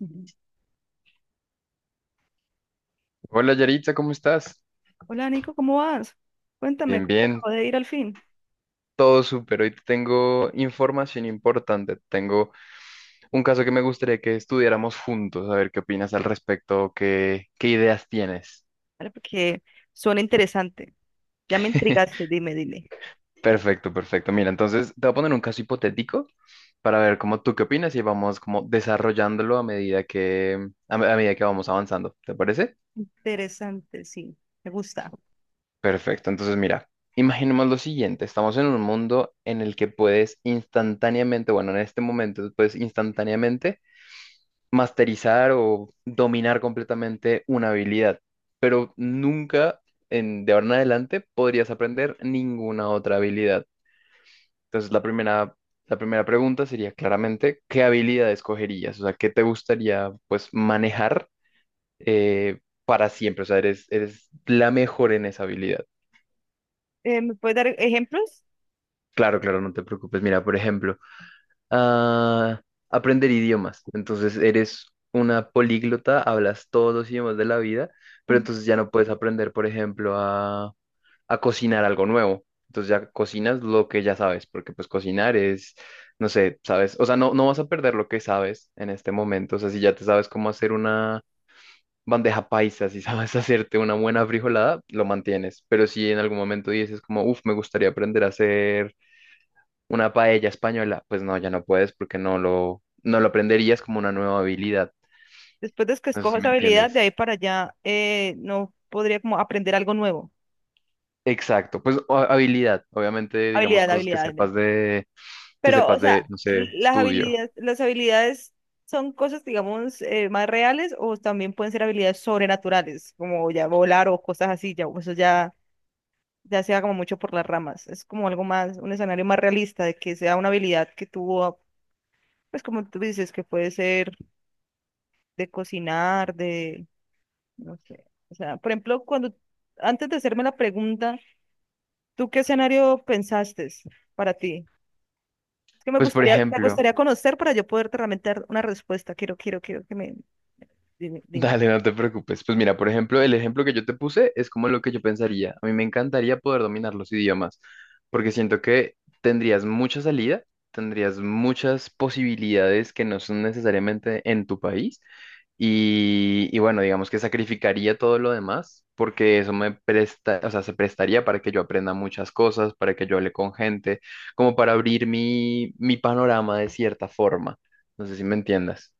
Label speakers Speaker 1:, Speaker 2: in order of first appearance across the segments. Speaker 1: Ujú.
Speaker 2: Hola Yarita, ¿cómo estás?
Speaker 1: Hola Nico, ¿cómo vas? Cuéntame,
Speaker 2: Bien,
Speaker 1: ¿cómo te
Speaker 2: bien,
Speaker 1: acabo de ir al fin?
Speaker 2: todo súper. Hoy te tengo información importante. Tengo un caso que me gustaría que estudiáramos juntos, a ver qué opinas al respecto, qué ideas tienes.
Speaker 1: Vale, porque suena interesante. Ya me intrigaste, dime, dile.
Speaker 2: Perfecto, perfecto. Mira, entonces te voy a poner un caso hipotético para ver cómo tú qué opinas y vamos como desarrollándolo a medida que, a medida que vamos avanzando. ¿Te parece?
Speaker 1: Interesante, sí, me gusta.
Speaker 2: Perfecto, entonces mira, imaginemos lo siguiente, estamos en un mundo en el que puedes instantáneamente, bueno, en este momento puedes instantáneamente masterizar o dominar completamente una habilidad, pero nunca en, de ahora en adelante podrías aprender ninguna otra habilidad. Entonces, la primera pregunta sería claramente, ¿qué habilidad escogerías? O sea, ¿qué te gustaría pues manejar para siempre? O sea, eres la mejor en esa habilidad.
Speaker 1: ¿Me puedes dar ejemplos?
Speaker 2: Claro, claro, no te preocupes. Mira, por ejemplo, a aprender idiomas. Entonces eres una políglota, hablas todos los idiomas de la vida, pero
Speaker 1: Ajá.
Speaker 2: entonces ya no puedes aprender, por ejemplo, a cocinar algo nuevo. Entonces ya cocinas lo que ya sabes, porque pues cocinar es, no sé, sabes, o sea, no vas a perder lo que sabes en este momento. O sea, si ya te sabes cómo hacer una bandeja paisa, si sabes hacerte una buena frijolada, lo mantienes. Pero si en algún momento dices como, uff, me gustaría aprender a hacer una paella española, pues no, ya no puedes porque no lo aprenderías como una nueva habilidad.
Speaker 1: Después de que
Speaker 2: No sé si
Speaker 1: escojas
Speaker 2: me
Speaker 1: habilidad, de
Speaker 2: entiendes.
Speaker 1: ahí para allá, no podría como aprender algo nuevo.
Speaker 2: Exacto, pues habilidad, obviamente, digamos
Speaker 1: Habilidad,
Speaker 2: cosas
Speaker 1: habilidad, habilidad.
Speaker 2: que
Speaker 1: Pero, o
Speaker 2: sepas de,
Speaker 1: sea,
Speaker 2: no sé,
Speaker 1: las
Speaker 2: estudio.
Speaker 1: habilidades, las habilidades son cosas, digamos, más reales o también pueden ser habilidades sobrenaturales, como ya volar o cosas así, ya, eso ya. Ya sea como mucho por las ramas. Es como algo más, un escenario más realista de que sea una habilidad que tuvo, pues como tú dices, que puede ser de cocinar, de, no sé. O sea, por ejemplo, cuando, antes de hacerme la pregunta, ¿tú qué escenario pensaste para ti? Es que me
Speaker 2: Pues por
Speaker 1: gustaría, me
Speaker 2: ejemplo,
Speaker 1: gustaría conocer para yo poderte realmente dar una respuesta. Quiero dime, dime.
Speaker 2: dale, no te preocupes. Pues mira, por ejemplo, el ejemplo que yo te puse es como lo que yo pensaría. A mí me encantaría poder dominar los idiomas, porque siento que tendrías mucha salida, tendrías muchas posibilidades que no son necesariamente en tu país. Y bueno, digamos que sacrificaría todo lo demás, porque eso me presta, o sea, se prestaría para que yo aprenda muchas cosas, para que yo hable con gente, como para abrir mi panorama de cierta forma. No sé si me entiendas.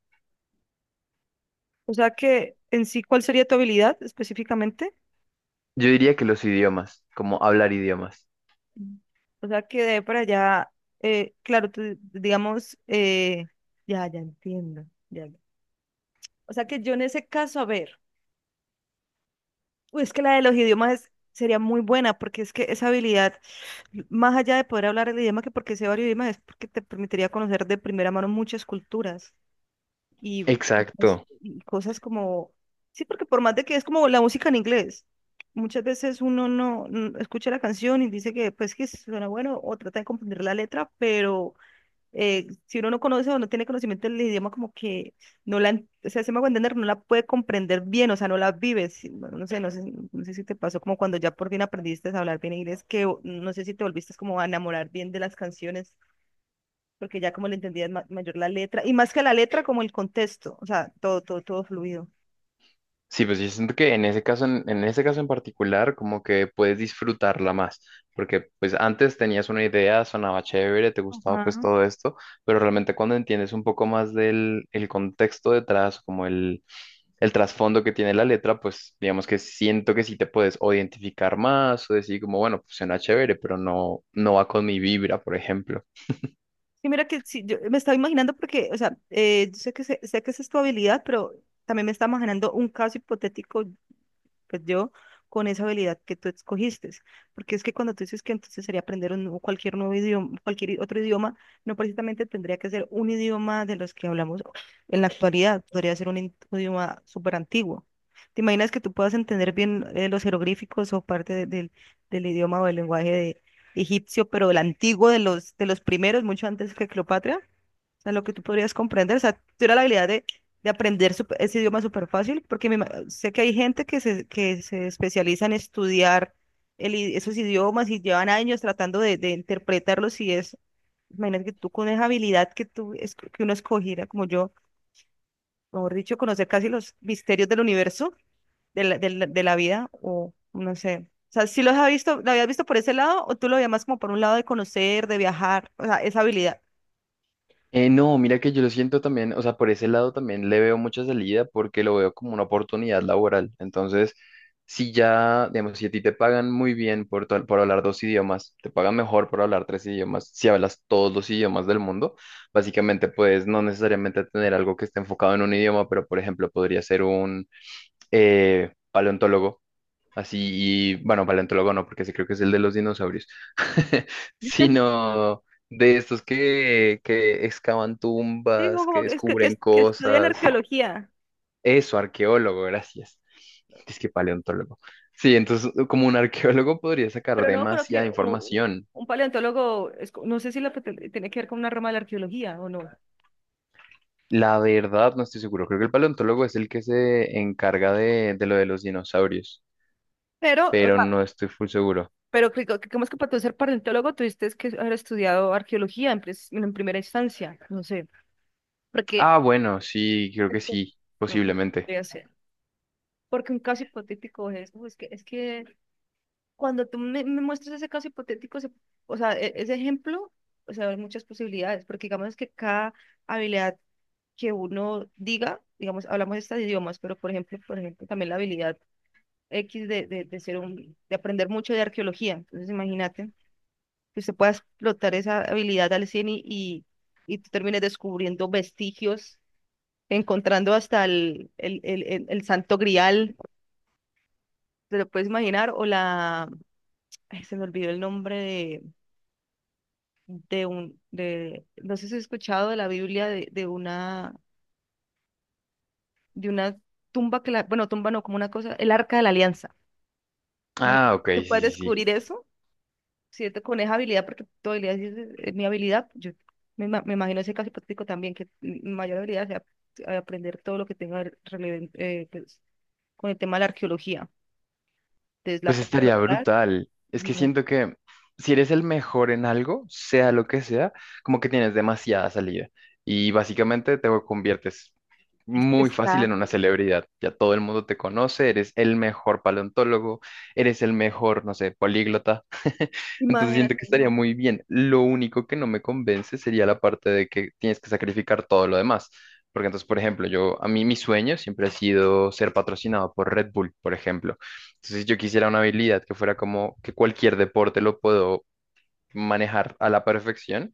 Speaker 1: O sea que en sí, ¿cuál sería tu habilidad específicamente?
Speaker 2: Yo diría que los idiomas, como hablar idiomas.
Speaker 1: Mm. O sea, que quedé para allá, claro, tú, digamos, ya, ya entiendo. Ya, ya. O sea, que yo en ese caso, a ver, uy, es que la de los idiomas sería muy buena, porque es que esa habilidad, más allá de poder hablar el idioma, que porque sé varios idiomas, es porque te permitiría conocer de primera mano muchas culturas y,
Speaker 2: Exacto.
Speaker 1: y cosas como, sí, porque por más de que es como la música en inglés. Muchas veces uno no escucha la canción y dice que pues que suena bueno o trata de comprender la letra, pero si uno no conoce o no tiene conocimiento del idioma, como que no la, en- o sea, se me hago entender, no la puede comprender bien, o sea, no la vives. Sí. No sé si te pasó como cuando ya por fin aprendiste a hablar bien inglés, no sé si te volviste como a enamorar bien de las canciones, porque ya como le entendías mayor la letra, y más que la letra, como el contexto, o sea, todo, todo, todo fluido.
Speaker 2: Sí, pues yo siento que en ese caso, en ese caso en particular, como que puedes disfrutarla más, porque pues antes tenías una idea, sonaba chévere, te gustaba pues
Speaker 1: Ajá.
Speaker 2: todo esto, pero realmente cuando entiendes un poco más del el contexto detrás, como el trasfondo que tiene la letra, pues digamos que siento que sí te puedes o identificar más o decir como, bueno, pues suena chévere, pero no, no va con mi vibra, por ejemplo.
Speaker 1: Sí, mira que sí, yo me estaba imaginando porque, o sea, yo sé que, sé que esa es tu habilidad, pero también me estaba imaginando un caso hipotético pues yo, con esa habilidad que tú escogiste. Porque es que cuando tú dices que entonces sería aprender cualquier nuevo idioma, cualquier otro idioma, no precisamente tendría que ser un idioma de los que hablamos en la actualidad, podría ser un idioma súper antiguo. ¿Te imaginas que tú puedas entender bien los jeroglíficos o parte del idioma o del lenguaje de egipcio, pero el antiguo de los, primeros, mucho antes que Cleopatra? O sea, lo que tú podrías comprender, o sea, tuviera la habilidad de aprender ese idioma súper fácil, porque sé que hay gente que se especializa en estudiar el esos idiomas y llevan años tratando de interpretarlos y es, imagínate que tú con esa habilidad que uno escogiera, como yo, mejor dicho, conocer casi los misterios del universo, de la vida, o no sé. O sea, ¿si los has visto, lo habías visto por ese lado o tú lo veías más como por un lado de conocer, de viajar, o sea, esa habilidad?
Speaker 2: No, mira que yo lo siento también, o sea, por ese lado también le veo mucha salida porque lo veo como una oportunidad laboral. Entonces, si ya, digamos, si a ti te pagan muy bien por, por hablar dos idiomas, te pagan mejor por hablar tres idiomas, si hablas todos los idiomas del mundo, básicamente puedes no necesariamente tener algo que esté enfocado en un idioma, pero por ejemplo podría ser un paleontólogo así, y bueno, paleontólogo no, porque ese creo que es el de los dinosaurios, sino de estos que excavan
Speaker 1: Sí, como,
Speaker 2: tumbas, que
Speaker 1: como que, es que,
Speaker 2: descubren
Speaker 1: que estudian
Speaker 2: cosas.
Speaker 1: arqueología,
Speaker 2: Eso, arqueólogo, gracias. Es que paleontólogo. Sí, entonces como un arqueólogo podría sacar
Speaker 1: pero no creo
Speaker 2: demasiada
Speaker 1: que
Speaker 2: información.
Speaker 1: un, paleontólogo, no sé si tiene que ver con una rama de la arqueología o no,
Speaker 2: La verdad, no estoy seguro. Creo que el paleontólogo es el que se encarga de lo de los dinosaurios,
Speaker 1: pero, o
Speaker 2: pero
Speaker 1: sea,
Speaker 2: no estoy full seguro.
Speaker 1: pero ¿cómo es que para tú ser paleontólogo tuviste que haber estudiado arqueología en primera instancia? No sé, porque,
Speaker 2: Ah, bueno, sí, creo que sí,
Speaker 1: Ujú,
Speaker 2: posiblemente.
Speaker 1: podría ser. Porque un caso hipotético es, uy, es que cuando tú me muestras ese caso hipotético, o sea, ese ejemplo, o sea, hay muchas posibilidades, porque digamos que cada habilidad que uno diga, digamos, hablamos de estos idiomas, pero por ejemplo, también la habilidad X de ser de aprender mucho de arqueología. Entonces, imagínate que usted pueda explotar esa habilidad al 100 y tú termines descubriendo vestigios, encontrando hasta el Santo Grial, te lo puedes imaginar, o la, ay, se me olvidó el nombre no sé si has escuchado de la Biblia de, de una tumba que la, bueno, tumba no, como una cosa, el Arca de la Alianza. Bueno,
Speaker 2: Ah, ok, sí,
Speaker 1: tú puedes
Speaker 2: sí, sí.
Speaker 1: descubrir eso, ¿cierto? Con esa habilidad, porque tu habilidad sí es mi habilidad. Yo me imagino ese caso hipotético también, que mi mayor habilidad sea aprender todo lo que tenga pues, con el tema de la arqueología. Desde la
Speaker 2: Pues estaría
Speaker 1: popular,
Speaker 2: brutal. Es que siento que si eres el mejor en algo, sea lo que sea, como que tienes demasiada salida. Y básicamente te conviertes
Speaker 1: es que
Speaker 2: muy fácil en
Speaker 1: exacto.
Speaker 2: una celebridad. Ya todo el mundo te conoce, eres el mejor paleontólogo, eres el mejor, no sé, políglota. Entonces siento que
Speaker 1: Imagínate,
Speaker 2: estaría
Speaker 1: no,
Speaker 2: muy bien. Lo único que no me convence sería la parte de que tienes que sacrificar todo lo demás. Porque entonces, por ejemplo, yo, a mí mi sueño siempre ha sido ser patrocinado por Red Bull, por ejemplo. Entonces, yo quisiera una habilidad que fuera como que cualquier deporte lo puedo manejar a la perfección.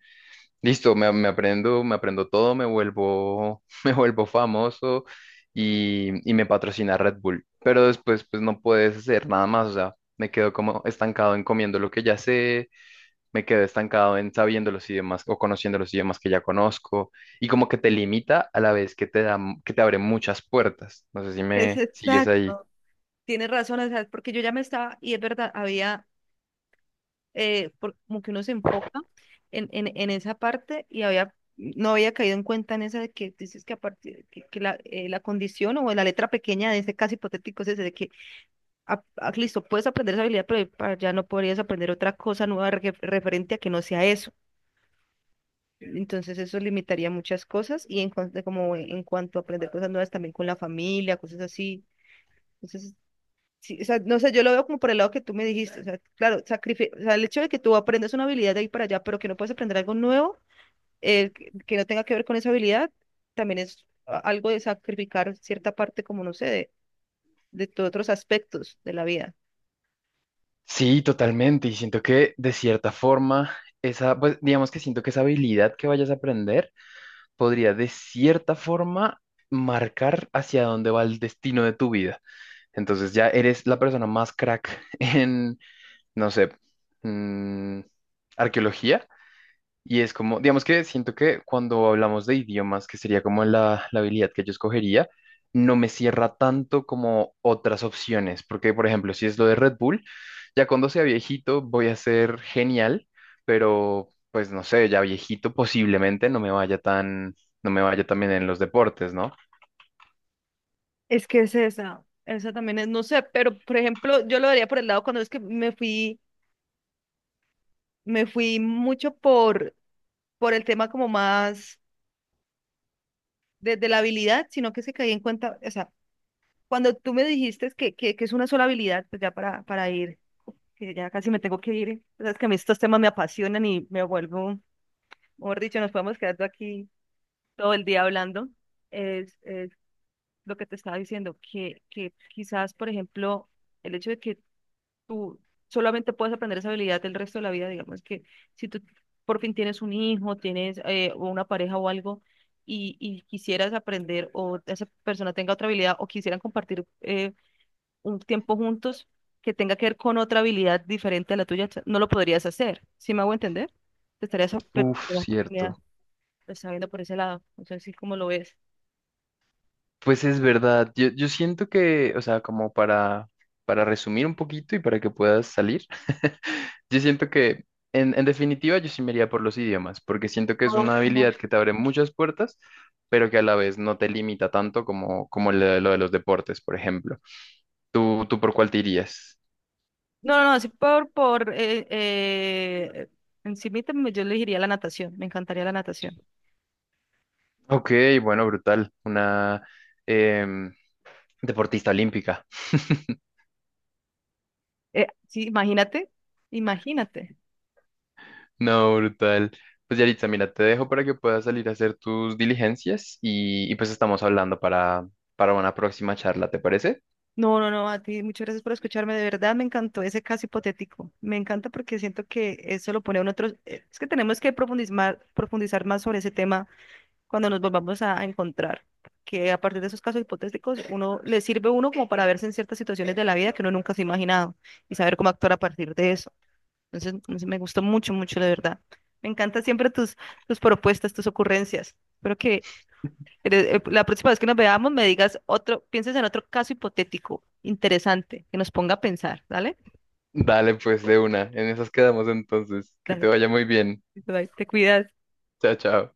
Speaker 2: Listo, me aprendo todo, me vuelvo, me vuelvo famoso y me patrocina Red Bull. Pero después, pues no puedes hacer nada más. O sea, me quedo como estancado en comiendo lo que ya sé, me quedo estancado en sabiendo los idiomas o conociendo los idiomas que ya conozco. Y como que te limita a la vez que te da, que te abre muchas puertas. No sé si
Speaker 1: es
Speaker 2: me sigues ahí.
Speaker 1: exacto. Tienes razón, o sea, porque yo ya me estaba, y es verdad, como que uno se enfoca en esa parte y había, no había caído en cuenta en esa de que dices que, a partir, que la, la condición o la letra pequeña de ese caso hipotético es ese de que, ah, ah, listo, puedes aprender esa habilidad, pero ya no podrías aprender otra cosa nueva referente a que no sea eso. Entonces eso limitaría muchas cosas y en cuanto, como en cuanto a aprender cosas nuevas también con la familia, cosas así. Entonces, sí, o sea, no sé, yo lo veo como por el lado que tú me dijiste, o sea, claro, o sea, el hecho de que tú aprendas una habilidad de ahí para allá, pero que no puedes aprender algo nuevo, que no tenga que ver con esa habilidad, también es algo de sacrificar cierta parte, como no sé, de tus otros aspectos de la vida.
Speaker 2: Sí, totalmente. Y siento que de cierta forma, esa, pues digamos que siento que esa habilidad que vayas a aprender podría de cierta forma marcar hacia dónde va el destino de tu vida. Entonces ya eres la persona más crack en, no sé, mm, arqueología y es como, digamos que siento que cuando hablamos de idiomas, que sería como la habilidad que yo escogería, no me cierra tanto como otras opciones, porque por ejemplo, si es lo de Red Bull, ya cuando sea viejito voy a ser genial, pero pues no sé, ya viejito posiblemente no me vaya tan, no me vaya tan bien en los deportes, ¿no?
Speaker 1: Es que es esa también es, no sé, pero por ejemplo, yo lo vería por el lado cuando es que me fui mucho por el tema como más de la habilidad, sino que se caí en cuenta, o sea, cuando tú me dijiste que, es una sola habilidad, pues ya para ir, que ya casi me tengo que ir. Sabes que a mí estos temas me apasionan y me vuelvo, mejor dicho, nos podemos quedar aquí todo el día hablando. Es lo que te estaba diciendo, que quizás, por ejemplo, el hecho de que tú solamente puedes aprender esa habilidad el resto de la vida, digamos que si tú por fin tienes un hijo, tienes o una pareja o algo, y quisieras aprender o esa persona tenga otra habilidad o quisieran compartir, un tiempo juntos que tenga que ver con otra habilidad diferente a la tuya, no lo podrías hacer. ¿Sí me hago entender? Te estarías perder
Speaker 2: Uf,
Speaker 1: la oportunidad.
Speaker 2: cierto.
Speaker 1: Lo está viendo por ese lado. No sé si cómo lo ves.
Speaker 2: Pues es verdad, yo siento que, o sea, como para resumir un poquito y para que puedas salir. Yo siento que, en definitiva, yo sí me iría por los idiomas, porque siento que es
Speaker 1: No,
Speaker 2: una
Speaker 1: no.
Speaker 2: habilidad que te abre muchas puertas, pero que a la vez no te limita tanto como, como lo de los deportes, por ejemplo. Tú por cuál te irías?
Speaker 1: No, no, no, sí por encimita yo le diría la natación, me encantaría la natación.
Speaker 2: Ok, bueno, brutal. Una em, deportista olímpica.
Speaker 1: Sí, imagínate, imagínate.
Speaker 2: No, brutal. Pues Yaritza, mira, te dejo para que puedas salir a hacer tus diligencias y pues estamos hablando para una próxima charla, ¿te parece?
Speaker 1: No, no, no, a ti muchas gracias por escucharme, de verdad me encantó ese caso hipotético. Me encanta porque siento que eso lo pone en otros, es que tenemos que profundizar, profundizar más sobre ese tema. Cuando nos volvamos a encontrar. Que a partir de esos casos hipotéticos, uno le sirve a uno como para verse en ciertas situaciones de la vida que uno nunca se ha imaginado y saber cómo actuar a partir de eso. Entonces, no sé, me gustó mucho, mucho, de verdad. Me encantan siempre tus, propuestas, tus ocurrencias. Espero que la próxima vez que nos veamos me digas otro, pienses en otro caso hipotético interesante que nos ponga a pensar, ¿vale?
Speaker 2: Dale, pues de una. En esas quedamos entonces. Que te
Speaker 1: Dale,
Speaker 2: vaya muy bien.
Speaker 1: bye, te cuidas.
Speaker 2: Chao, chao.